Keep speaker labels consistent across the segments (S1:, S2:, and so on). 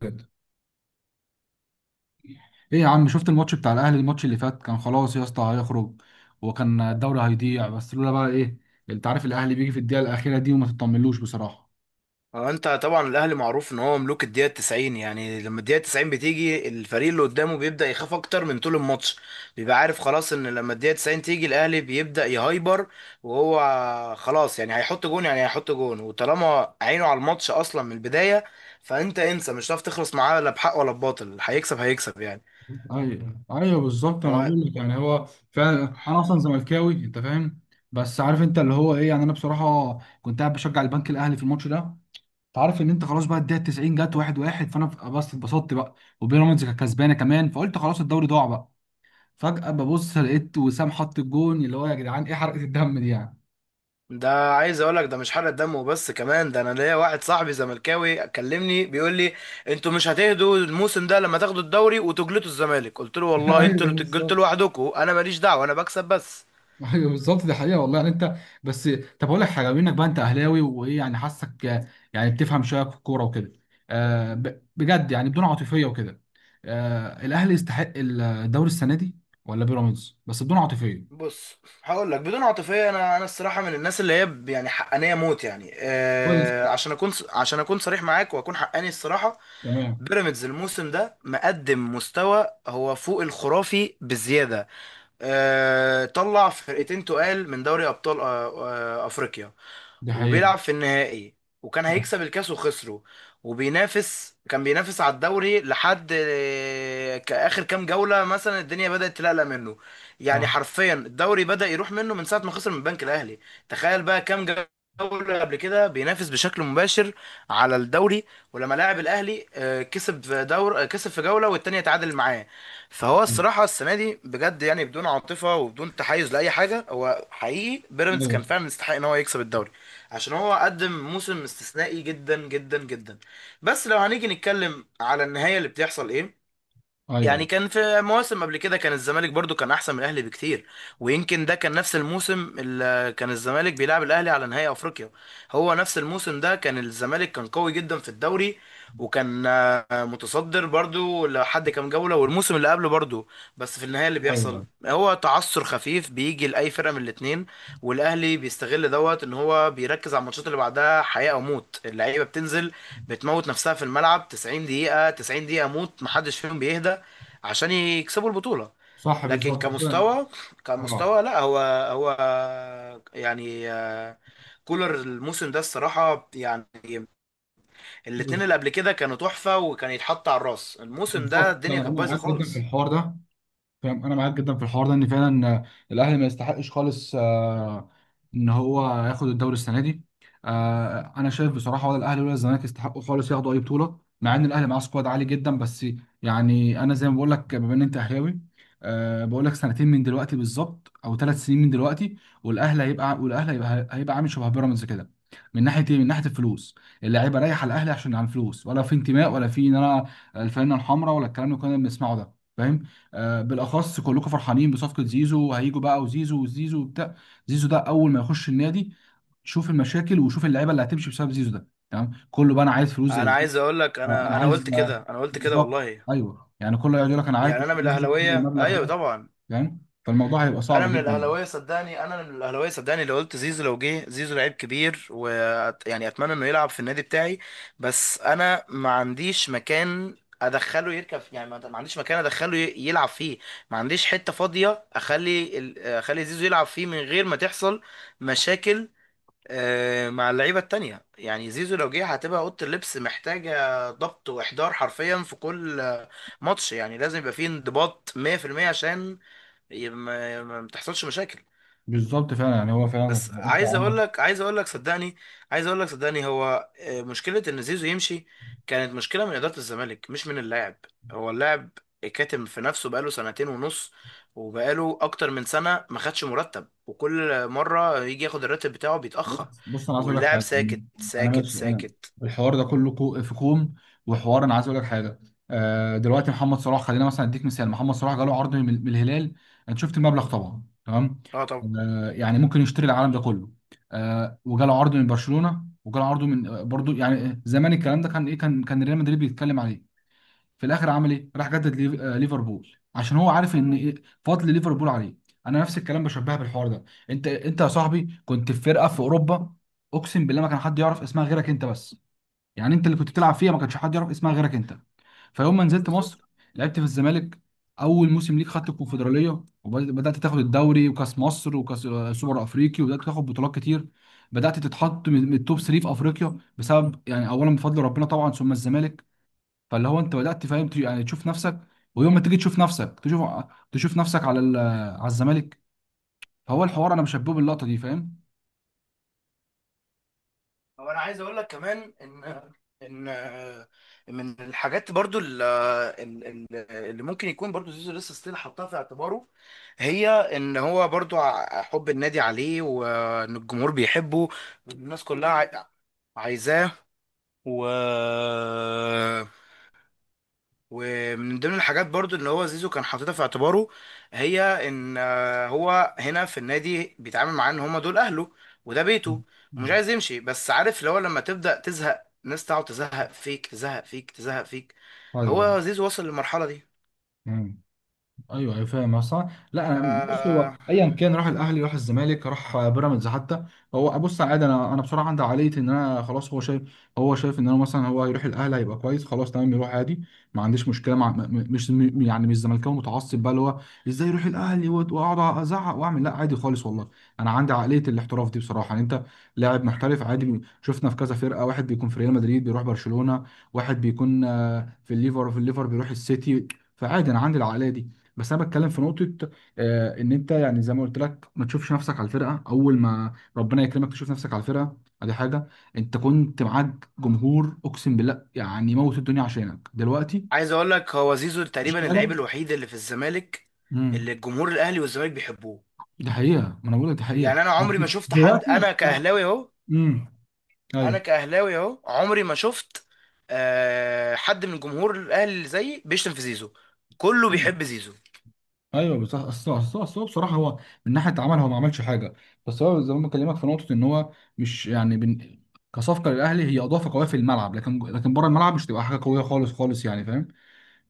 S1: بجد. ايه يا عم، شفت الماتش بتاع الاهلي؟ الماتش اللي فات كان خلاص يا اسطى، هيخرج وكان الدوري هيضيع، بس لولا بقى ايه. انت عارف الاهلي بيجي في الدقيقه الاخيره دي وما تطمنلوش بصراحه.
S2: اه، انت طبعا الاهلي معروف ان هو ملوك الدقيقه 90. يعني لما الدقيقه 90 بتيجي، الفريق اللي قدامه بيبدا يخاف اكتر من طول الماتش. بيبقى عارف خلاص ان لما الدقيقه 90 تيجي الاهلي بيبدا يهايبر، وهو خلاص يعني هيحط جون، يعني هيحط جون، وطالما عينه على الماتش اصلا من البدايه فانت انسى، مش هتعرف تخلص معاه لا بحق ولا بباطل، هيكسب يعني.
S1: ايوه، ايوه، بالظبط، انا
S2: هو
S1: بقول لك يعني هو فعلا، انا اصلا زملكاوي، انت فاهم. بس عارف انت اللي هو ايه يعني، انا بصراحه كنت قاعد بشجع البنك الاهلي في الماتش ده. انت عارف ان انت خلاص بقى، الدقيقه 90 جت، واحد واحد، فانا بس اتبسطت بقى. وبيراميدز كانت كسبانه كمان، فقلت خلاص الدوري ضاع بقى. فجاه ببص لقيت وسام حط الجون، اللي هو يا جدعان ايه حرقه الدم دي يعني؟
S2: ده، عايز اقول لك ده مش حرق دم وبس، كمان ده انا ليا واحد صاحبي زملكاوي كلمني بيقول لي انتوا مش هتهدوا الموسم ده لما تاخدوا الدوري وتجلطوا الزمالك. قلت له والله
S1: ايوه،
S2: انتوا اللي بتجلطوا
S1: بالظبط.
S2: لوحدكم، انا ماليش دعوه، انا بكسب بس.
S1: ايوه بالظبط، دي حقيقه والله يعني انت. بس طب اقول لك حاجه، بما انك بقى انت اهلاوي وايه يعني، حاسك يعني بتفهم شويه في الكوره وكده. بجد يعني، بدون عاطفيه وكده، الاهلي يستحق الدوري السنه دي ولا بيراميدز؟ بس بدون عاطفيه.
S2: بص، هقول لك بدون عاطفيه، انا الصراحه من الناس اللي هي يعني حقانيه موت، يعني
S1: كويس.
S2: آه، عشان اكون عشان اكون صريح معاك واكون حقاني الصراحه.
S1: تمام.
S2: بيراميدز الموسم ده مقدم مستوى هو فوق الخرافي بزياده. طلع فرقتين تقال من دوري ابطال، افريقيا،
S1: دي حقيقه.
S2: وبيلعب في النهائي، وكان
S1: صح.
S2: هيكسب الكاس وخسره، وبينافس كان بينافس على الدوري لحد اخر كام جولة. مثلا الدنيا بدأت تلقلق منه، يعني
S1: صح.
S2: حرفيا الدوري بدأ يروح منه من ساعة ما خسر من البنك الاهلي. تخيل بقى كام جولة قبل كده بينافس بشكل مباشر على الدوري، ولما لاعب الاهلي كسب في دور كسب في جولة والتانية تعادل معاه. فهو الصراحه السنه دي بجد، يعني بدون عاطفه وبدون تحيز لاي حاجه، هو حقيقي بيراميدز
S1: ايوه.
S2: كان فعلا يستحق ان هو يكسب الدوري، عشان هو قدم موسم استثنائي جدا جدا جدا. بس لو هنيجي نتكلم على النهايه اللي بتحصل ايه، يعني
S1: ايوه.
S2: كان في مواسم قبل كده كان الزمالك برضو كان احسن من الاهلي بكتير، ويمكن ده كان نفس الموسم اللي كان الزمالك بيلعب الاهلي على نهائي افريقيا. هو نفس الموسم ده كان الزمالك كان قوي جدا في الدوري، وكان متصدر برضو لحد كام جولة، والموسم اللي قبله برضو. بس في النهاية اللي بيحصل
S1: ايوه.
S2: هو تعثر خفيف بيجي لأي فرقة من الاتنين، والأهلي بيستغل دوت إن هو بيركز على الماتشات اللي بعدها حياة أو موت. اللعيبة بتنزل بتموت نفسها في الملعب 90 دقيقة، 90 دقيقة موت، محدش فيهم بيهدى عشان يكسبوا البطولة.
S1: صح
S2: لكن
S1: بالظبط فعلا.
S2: كمستوى،
S1: اه.
S2: كمستوى لا، هو هو يعني كولر الموسم ده الصراحة يعني، الاتنين
S1: بز-
S2: اللي قبل كده كانوا تحفة وكان يتحط على الراس، الموسم ده
S1: بالظبط، انا
S2: الدنيا كانت بايظة
S1: معاك جدا في
S2: خالص.
S1: الحوار ده، فاهم. انا معاك جدا في الحوار ده، ان فعلا الاهلي ما يستحقش خالص، ان هو ياخد الدوري السنه دي. انا شايف بصراحه ولا الاهلي ولا الزمالك يستحقوا خالص ياخدوا اي بطوله، مع ان الاهلي معاه سكواد عالي جدا. بس يعني انا زي ما بقول لك، بما ان انت اهلاوي، بقول لك، سنتين من دلوقتي بالظبط، او 3 سنين من دلوقتي، والاهلي هيبقى، هيبقى عامل شبه بيراميدز كده. من ناحيه ايه، من ناحيه الفلوس. اللعيبه رايحه الاهلي عشان عن فلوس، ولا في انتماء، ولا في ان انا الفانله الحمراء، ولا الكلام اللي كنا بنسمعه ده، فاهم. بالاخص كلكم فرحانين بصفقه زيزو، هيجوا بقى وزيزو وزيزو وبتاع. زيزو ده اول ما يخش النادي، شوف المشاكل وشوف اللعيبه اللي هتمشي بسبب زيزو ده، تمام. كله بقى انا عايز فلوس زي
S2: انا
S1: زيزو.
S2: عايز اقول لك،
S1: آه، انا
S2: انا قلت
S1: عايز آه،
S2: كده، انا قلت كده
S1: بالظبط.
S2: والله.
S1: ايوه يعني كله يقعد يقول لك انا عايز
S2: يعني انا من
S1: زيزو ياخد
S2: الاهلاوية،
S1: المبلغ
S2: ايوه
S1: ده،
S2: طبعا
S1: فاهم. فالموضوع هيبقى صعب
S2: انا من
S1: جدا يعني.
S2: الاهلاويه صدقني، انا من الاهلاويه صدقني، لو قلت زيزو، لو جه زيزو لعيب كبير ويعني اتمنى انه يلعب في النادي بتاعي، بس انا ما عنديش مكان ادخله يركب، يعني ما عنديش مكان ادخله يلعب فيه. ما عنديش حته فاضيه اخلي اخلي زيزو يلعب فيه من غير ما تحصل مشاكل مع اللعيبه التانية. يعني زيزو لو جه هتبقى اوضه اللبس محتاجه ضبط واحضار حرفيا في كل ماتش، يعني لازم يبقى فيه انضباط 100% عشان ما بتحصلش مشاكل.
S1: بالظبط فعلا يعني هو فعلا.
S2: بس
S1: انت
S2: عايز
S1: عندك.
S2: اقول لك عايز اقول لك صدقني، عايز اقول لك صدقني، هو مشكله ان زيزو يمشي كانت مشكله من اداره الزمالك مش من اللاعب. هو اللاعب كاتم في نفسه بقاله سنتين ونص، وبقاله اكتر من سنه ما خدش مرتب، وكل مره يجي ياخد الراتب بتاعه بيتاخر
S1: بص بص انا عايز اقول لك
S2: واللاعب
S1: حاجه.
S2: ساكت
S1: انا
S2: ساكت
S1: ماشي. انا
S2: ساكت.
S1: الحوار ده كله في كوم، وحوار. انا عايز اقول لك حاجه. دلوقتي محمد صلاح، خلينا مثلا اديك مثال. محمد صلاح جاله عرض من الهلال، انت شفت المبلغ طبعا، تمام.
S2: اه طبعا.
S1: يعني ممكن يشتري العالم ده كله. وجاله عرض من برشلونه، وجاله عرض من برضو يعني، زمان الكلام ده كان ايه، كان ريال مدريد بيتكلم عليه. في الاخر عمل ايه؟ راح جدد ليفربول، عشان هو عارف ان إيه، فضل ليفربول عليه. انا نفس الكلام بشبهها بالحوار ده. انت يا صاحبي كنت في فرقه في اوروبا، اقسم بالله ما كان حد يعرف اسمها غيرك انت بس. يعني انت اللي كنت بتلعب فيها، ما كانش حد يعرف اسمها غيرك انت. فيوم ما نزلت مصر
S2: بالظبط.
S1: لعبت في الزمالك. اول موسم ليك خدت الكونفدراليه، وبدات تاخد الدوري وكاس مصر وكاس سوبر افريقي، وبدات تاخد بطولات كتير. بدات تتحط من التوب 3 في افريقيا، بسبب يعني اولا بفضل ربنا طبعا، ثم الزمالك. فاللي هو انت بدات فاهم، يعني تشوف نفسك. ويوم ما تيجي تشوف نفسك، تشوف، تشوف نفسك على على الزمالك. فهو الحوار انا مشبهه باللقطه دي، فاهم.
S2: هو انا عايز اقول لك كمان ان من الحاجات برضو ال- اللي ممكن يكون برضو زيزو لسه ستيل حطها في اعتباره، هي ان هو برضو حب النادي عليه وان الجمهور بيحبه، الناس كلها عايزاه. و ومن ضمن الحاجات برضو اللي هو زيزو كان حاططها في اعتباره، هي ان هو هنا في النادي بيتعامل معاه ان هما دول اهله وده بيته، ومش
S1: مم.
S2: عايز يمشي. بس عارف اللي هو لما تبدأ تزهق ناس تقعد تزهق فيك تزهق فيك،
S1: ايوه.
S2: هو زيزو وصل للمرحلة دي.
S1: مم. ايوه. ايوه فاهم اصلا. لا انا بص،
S2: آه،
S1: هو ايا كان راح الاهلي، راح الزمالك، راح بيراميدز حتى. هو بص عادي، انا بصراحه عندي عقليه ان انا خلاص هو شايف. هو شايف ان انا مثلا هو هيروح الاهلي، هيبقى كويس، خلاص تمام، يروح عادي. ما عنديش مشكله مع، م- م- مش م- يعني مش زملكاوي متعصب بقى اللي هو ازاي يروح الاهلي واقعد ازعق واعمل، لا عادي خالص والله. انا عندي عقليه الاحتراف دي بصراحه، يعني انت لاعب محترف عادي. شفنا في كذا فرقه، واحد بيكون في ريال مدريد بيروح برشلونه، واحد بيكون في الليفر بيروح السيتي. فعادي انا عندي العقليه دي. بس انا بتكلم في نقطه، ان انت يعني زي ما قلت لك، ما تشوفش نفسك على الفرقه اول ما ربنا يكرمك، تشوف نفسك على الفرقه. ادي حاجه. انت كنت معاك جمهور اقسم بالله يعني موت الدنيا عشانك دلوقتي
S2: عايز اقول لك هو زيزو
S1: في
S2: تقريبا
S1: الشارع.
S2: اللعيب الوحيد اللي في الزمالك
S1: امم.
S2: اللي الجمهور الاهلي والزمالك بيحبوه.
S1: دي حقيقه، ما انا بقول لك دي حقيقه.
S2: يعني انا عمري ما شفت حد،
S1: دلوقتي
S2: انا
S1: آه.
S2: كاهلاوي اهو،
S1: امم.
S2: انا
S1: ايوه.
S2: كاهلاوي اهو عمري ما شفت آه حد من جمهور الاهلي اللي زيي بيشتم في زيزو، كله بيحب زيزو.
S1: ايوه بس اصل هو بصراحه هو من ناحيه عمل هو ما عملش حاجه. بس هو زي ما بكلمك في نقطه ان هو مش يعني كصفقه للاهلي، هي اضافه قويه في الملعب، لكن بره الملعب مش تبقى حاجه قويه خالص خالص يعني، فاهم.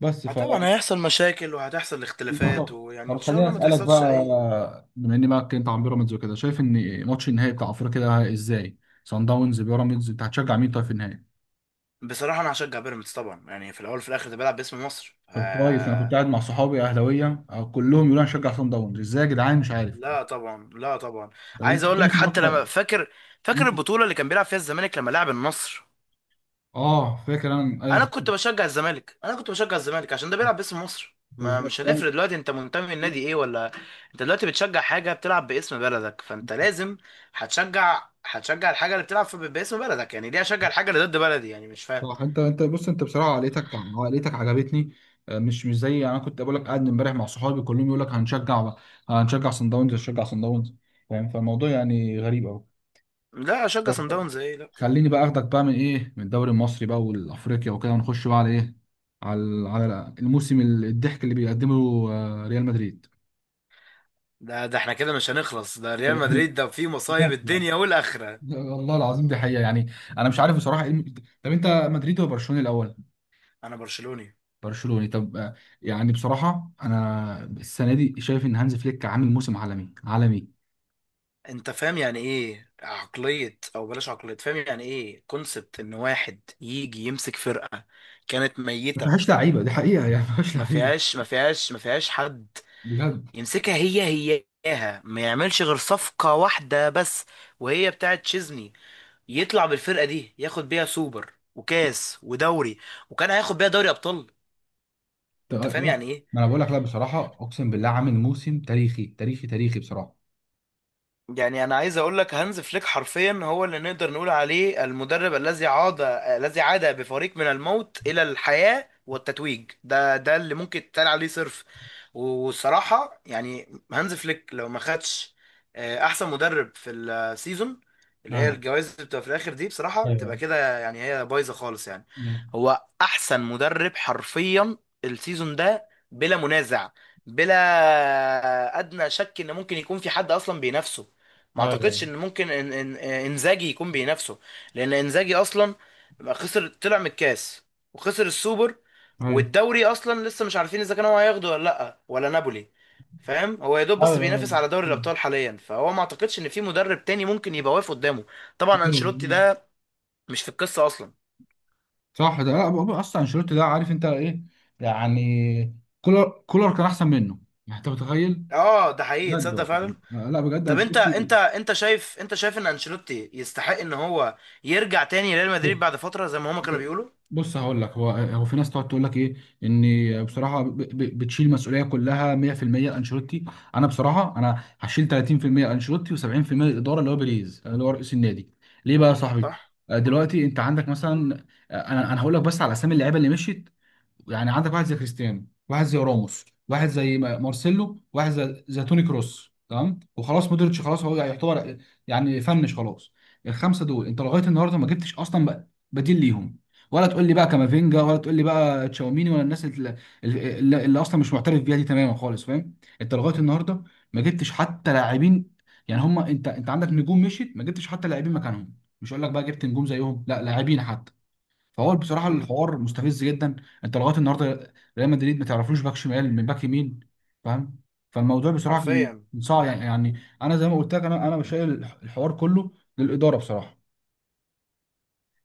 S1: بس ف.
S2: طبعا هيحصل مشاكل وهتحصل اختلافات، ويعني
S1: طب
S2: ان شاء
S1: خليني
S2: الله ما
S1: اسالك بقى،
S2: تحصلش اي.
S1: بما اني بقى اتكلمت عن بيراميدز وكده، شايف ان ماتش النهائي بتاع افريقيا ده ازاي؟ سان داونز بيراميدز، انت هتشجع مين طيب في النهائي؟
S2: بصراحة انا هشجع بيراميدز طبعا، يعني في الاول وفي الاخر ده بيلعب باسم مصر،
S1: طب كويس، انا كنت
S2: آه.
S1: قاعد مع صحابي اهلاويه كلهم يقولوا انا هشجع سان داونز. ازاي يا جدعان، مش عارف.
S2: لا طبعا، لا طبعا.
S1: طب
S2: عايز
S1: انت
S2: اقول لك،
S1: شايف الماتش؟
S2: حتى لما فاكر، فاكر البطوله اللي كان بيلعب فيها الزمالك لما لعب النصر،
S1: اه فاكر انا، ايوه
S2: انا
S1: فاكر.
S2: كنت بشجع الزمالك انا كنت بشجع الزمالك عشان ده بيلعب باسم مصر. ما
S1: بالظبط.
S2: مش هنفرق دلوقتي انت منتمي لنادي ايه ولا. انت دلوقتي بتشجع حاجه بتلعب باسم بلدك، فانت لازم هتشجع الحاجه اللي بتلعب في باسم بلدك، يعني ليه اشجع الحاجه اللي ضد بلدي؟ يعني مش فاهم.
S1: صح، انت بص، انت بصراحه عقليتك عجبتني. مش مش زي، يعني انا كنت بقول لك قاعد امبارح مع صحابي كلهم يقول لك هنشجع بقى، هنشجع صن داونز، هنشجع صن داونز، فاهم. فالموضوع يعني غريب قوي.
S2: لا اشجع صن داونز ايه؟ لا طبعا.
S1: خليني بقى اخدك بقى من ايه، من الدوري المصري بقى والافريقيا وكده، ونخش بقى على ايه، على على الموسم الضحك اللي بيقدمه ريال مدريد.
S2: ده ده احنا كده مش هنخلص، ده ريال مدريد ده فيه مصايب
S1: بجد يعني.
S2: الدنيا والاخره.
S1: والله العظيم دي حقيقة يعني. انا مش عارف بصراحة ايه طب انت مدريد ولا برشلونة الاول؟
S2: انا برشلوني.
S1: برشلوني طب، يعني بصراحه انا السنه دي شايف ان هانز فليك عامل موسم عالمي عالمي.
S2: انت فاهم يعني ايه عقلية، او بلاش عقلية، فاهم يعني ايه كونسبت ان واحد يجي يمسك فرقة كانت
S1: ما
S2: ميتة،
S1: فيهاش لعيبه، دي حقيقه يعني ما فيهاش لعيبه.
S2: ما فيهاش حد
S1: بجد.
S2: يمسكها، هي هياها ما يعملش غير صفقة واحدة بس وهي بتاعت تشيزني، يطلع بالفرقة دي ياخد بيها سوبر وكاس ودوري، وكان هياخد بيها دوري ابطال. انت فاهم
S1: لا،
S2: يعني ايه؟
S1: ما انا بقول لك لا بصراحه، اقسم بالله عامل موسم تاريخي تاريخي تاريخي بصراحه.
S2: يعني انا عايز اقول لك هانز فليك حرفيا هو اللي نقدر نقول عليه المدرب الذي عاد، الذي عاد بفريق من الموت الى الحياة والتتويج، ده ده اللي ممكن يتقال عليه صرف. والصراحة يعني هانز فليك لو ما خدش احسن مدرب في السيزون، اللي هي
S1: ايوه.
S2: الجوائز اللي بتبقى في الاخر دي، بصراحة بتبقى
S1: ايوه.
S2: كده يعني هي بايظة خالص يعني.
S1: مم.
S2: هو احسن مدرب حرفيا السيزون ده بلا منازع، بلا ادنى شك ان ممكن يكون في حد اصلا بينافسه. ما
S1: ايوه.
S2: اعتقدش ان ممكن إن انزاجي يكون بينافسه، لان انزاجي اصلا خسر، طلع من الكاس وخسر السوبر،
S1: ايوه.
S2: والدوري اصلا لسه مش عارفين اذا كان هو هياخده ولا لا، ولا نابولي. فاهم هو يا دوب بس
S1: ايوه.
S2: بينافس على دوري
S1: مم.
S2: الابطال حاليا، فهو ما اعتقدش ان في مدرب تاني ممكن يبقى واقف قدامه. طبعا انشيلوتي
S1: أيوة.
S2: ده مش في القصه اصلا.
S1: صح، ده لا بقى- اصلا انشيلوتي ده، عارف انت ايه يعني؟ كولر، كولر كان احسن منه، يعني انت متخيل.
S2: اه ده حقيقي،
S1: بجد
S2: تصدق فعلا.
S1: والله، لا بجد
S2: طب انت،
S1: انشيلوتي.
S2: انت شايف، انت شايف ان انشيلوتي يستحق ان هو يرجع تاني ريال مدريد بعد
S1: بص
S2: فتره زي ما هما كانوا بيقولوا؟
S1: بص هقول لك، هو في ناس تقعد تقول لك ايه، ان بصراحه بتشيل مسؤوليه كلها 100% انشيلوتي. انا بصراحه انا هشيل 30% انشيلوتي، و70% الاداره اللي هو بيريز اللي هو رئيس النادي، ليه بقى يا صاحبي؟
S2: صح.
S1: دلوقتي انت عندك مثلا، انا هقول لك بس على اسامي اللعيبه اللي مشيت. يعني عندك واحد زي كريستيانو، واحد زي راموس، واحد زي مارسيلو، واحد زي توني كروس، تمام. وخلاص مودريتش خلاص هو يعتبر يعني فنش خلاص. الخمسه دول انت لغايه النهارده ما جبتش اصلا بديل ليهم. ولا تقول لي بقى كامافينجا، ولا تقول لي بقى تشاوميني، ولا الناس اللي اصلا مش معترف بيها دي تماما خالص، فاهم. انت لغايه النهارده ما جبتش حتى لاعبين يعني هم. انت عندك نجوم مشيت، ما جبتش حتى لاعبين مكانهم. مش هقول لك بقى جبت نجوم زيهم، لا لاعبين حتى. فهو بصراحه
S2: امم،
S1: الحوار مستفز جدا. انت لغايه النهارده ريال مدريد ما تعرفلوش باك شمال من باك يمين، فاهم. فالموضوع بصراحه كان
S2: حرفيا.
S1: كان صعب يعني، يعني انا زي ما قلت لك، انا بشايل الحوار كله للاداره بصراحه.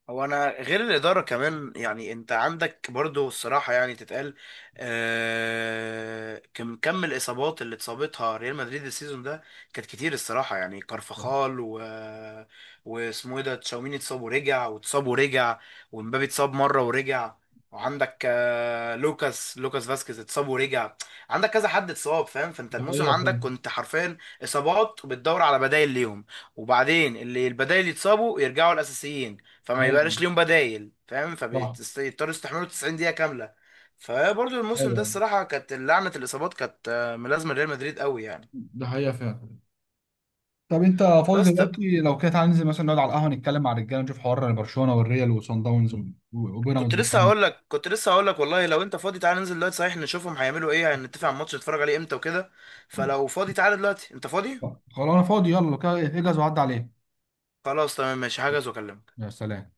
S2: هو انا غير الاداره كمان، يعني انت عندك برضو الصراحه يعني تتقال، آه كم كم الاصابات اللي اتصابتها ريال مدريد السيزون ده، كانت كتير الصراحه. يعني كارفخال واسمه ايه ده تشاوميني، اتصاب ورجع. ومبابي اتصاب مره ورجع، وعندك آه لوكاس فاسكيز اتصاب ورجع. عندك كذا حد اتصاب، فاهم؟ فانت
S1: ده
S2: الموسم
S1: حقيقة
S2: عندك
S1: فعلا.
S2: كنت حرفيا اصابات وبتدور على بدائل ليهم، وبعدين اللي البدائل يتصابوا يرجعوا الاساسيين، فما
S1: أيوه.
S2: يبقاش ليهم بدايل. فاهم،
S1: صح.
S2: فبيضطروا يستحملوا 90 دقيقة كاملة. فبرضه الموسم ده
S1: أيوه.
S2: الصراحة كانت لعنة الإصابات كانت ملازمة ريال مدريد قوي يعني.
S1: ده حقيقة فعلا. طب انت فاضي
S2: بس طب،
S1: دلوقتي؟ لو كده تعالى ننزل مثلا نقعد على القهوه، نتكلم مع الرجاله، نشوف حوار برشلونه والريال وصن داونز و-
S2: كنت
S1: وبيراميدز
S2: لسه
S1: والكلام.
S2: هقول لك، كنت لسه هقول لك والله، لو انت فاضي تعالى ننزل دلوقتي صحيح، نشوفهم هيعملوا ايه، هنتفق على الماتش نتفرج عليه امتى وكده. فلو فاضي تعالى دلوقتي، انت فاضي؟
S1: ده خلاص انا فاضي، يلا لو كده اجهز وعدي عليه.
S2: خلاص تمام، ماشي، هحجز واكلمك.
S1: يا سلام.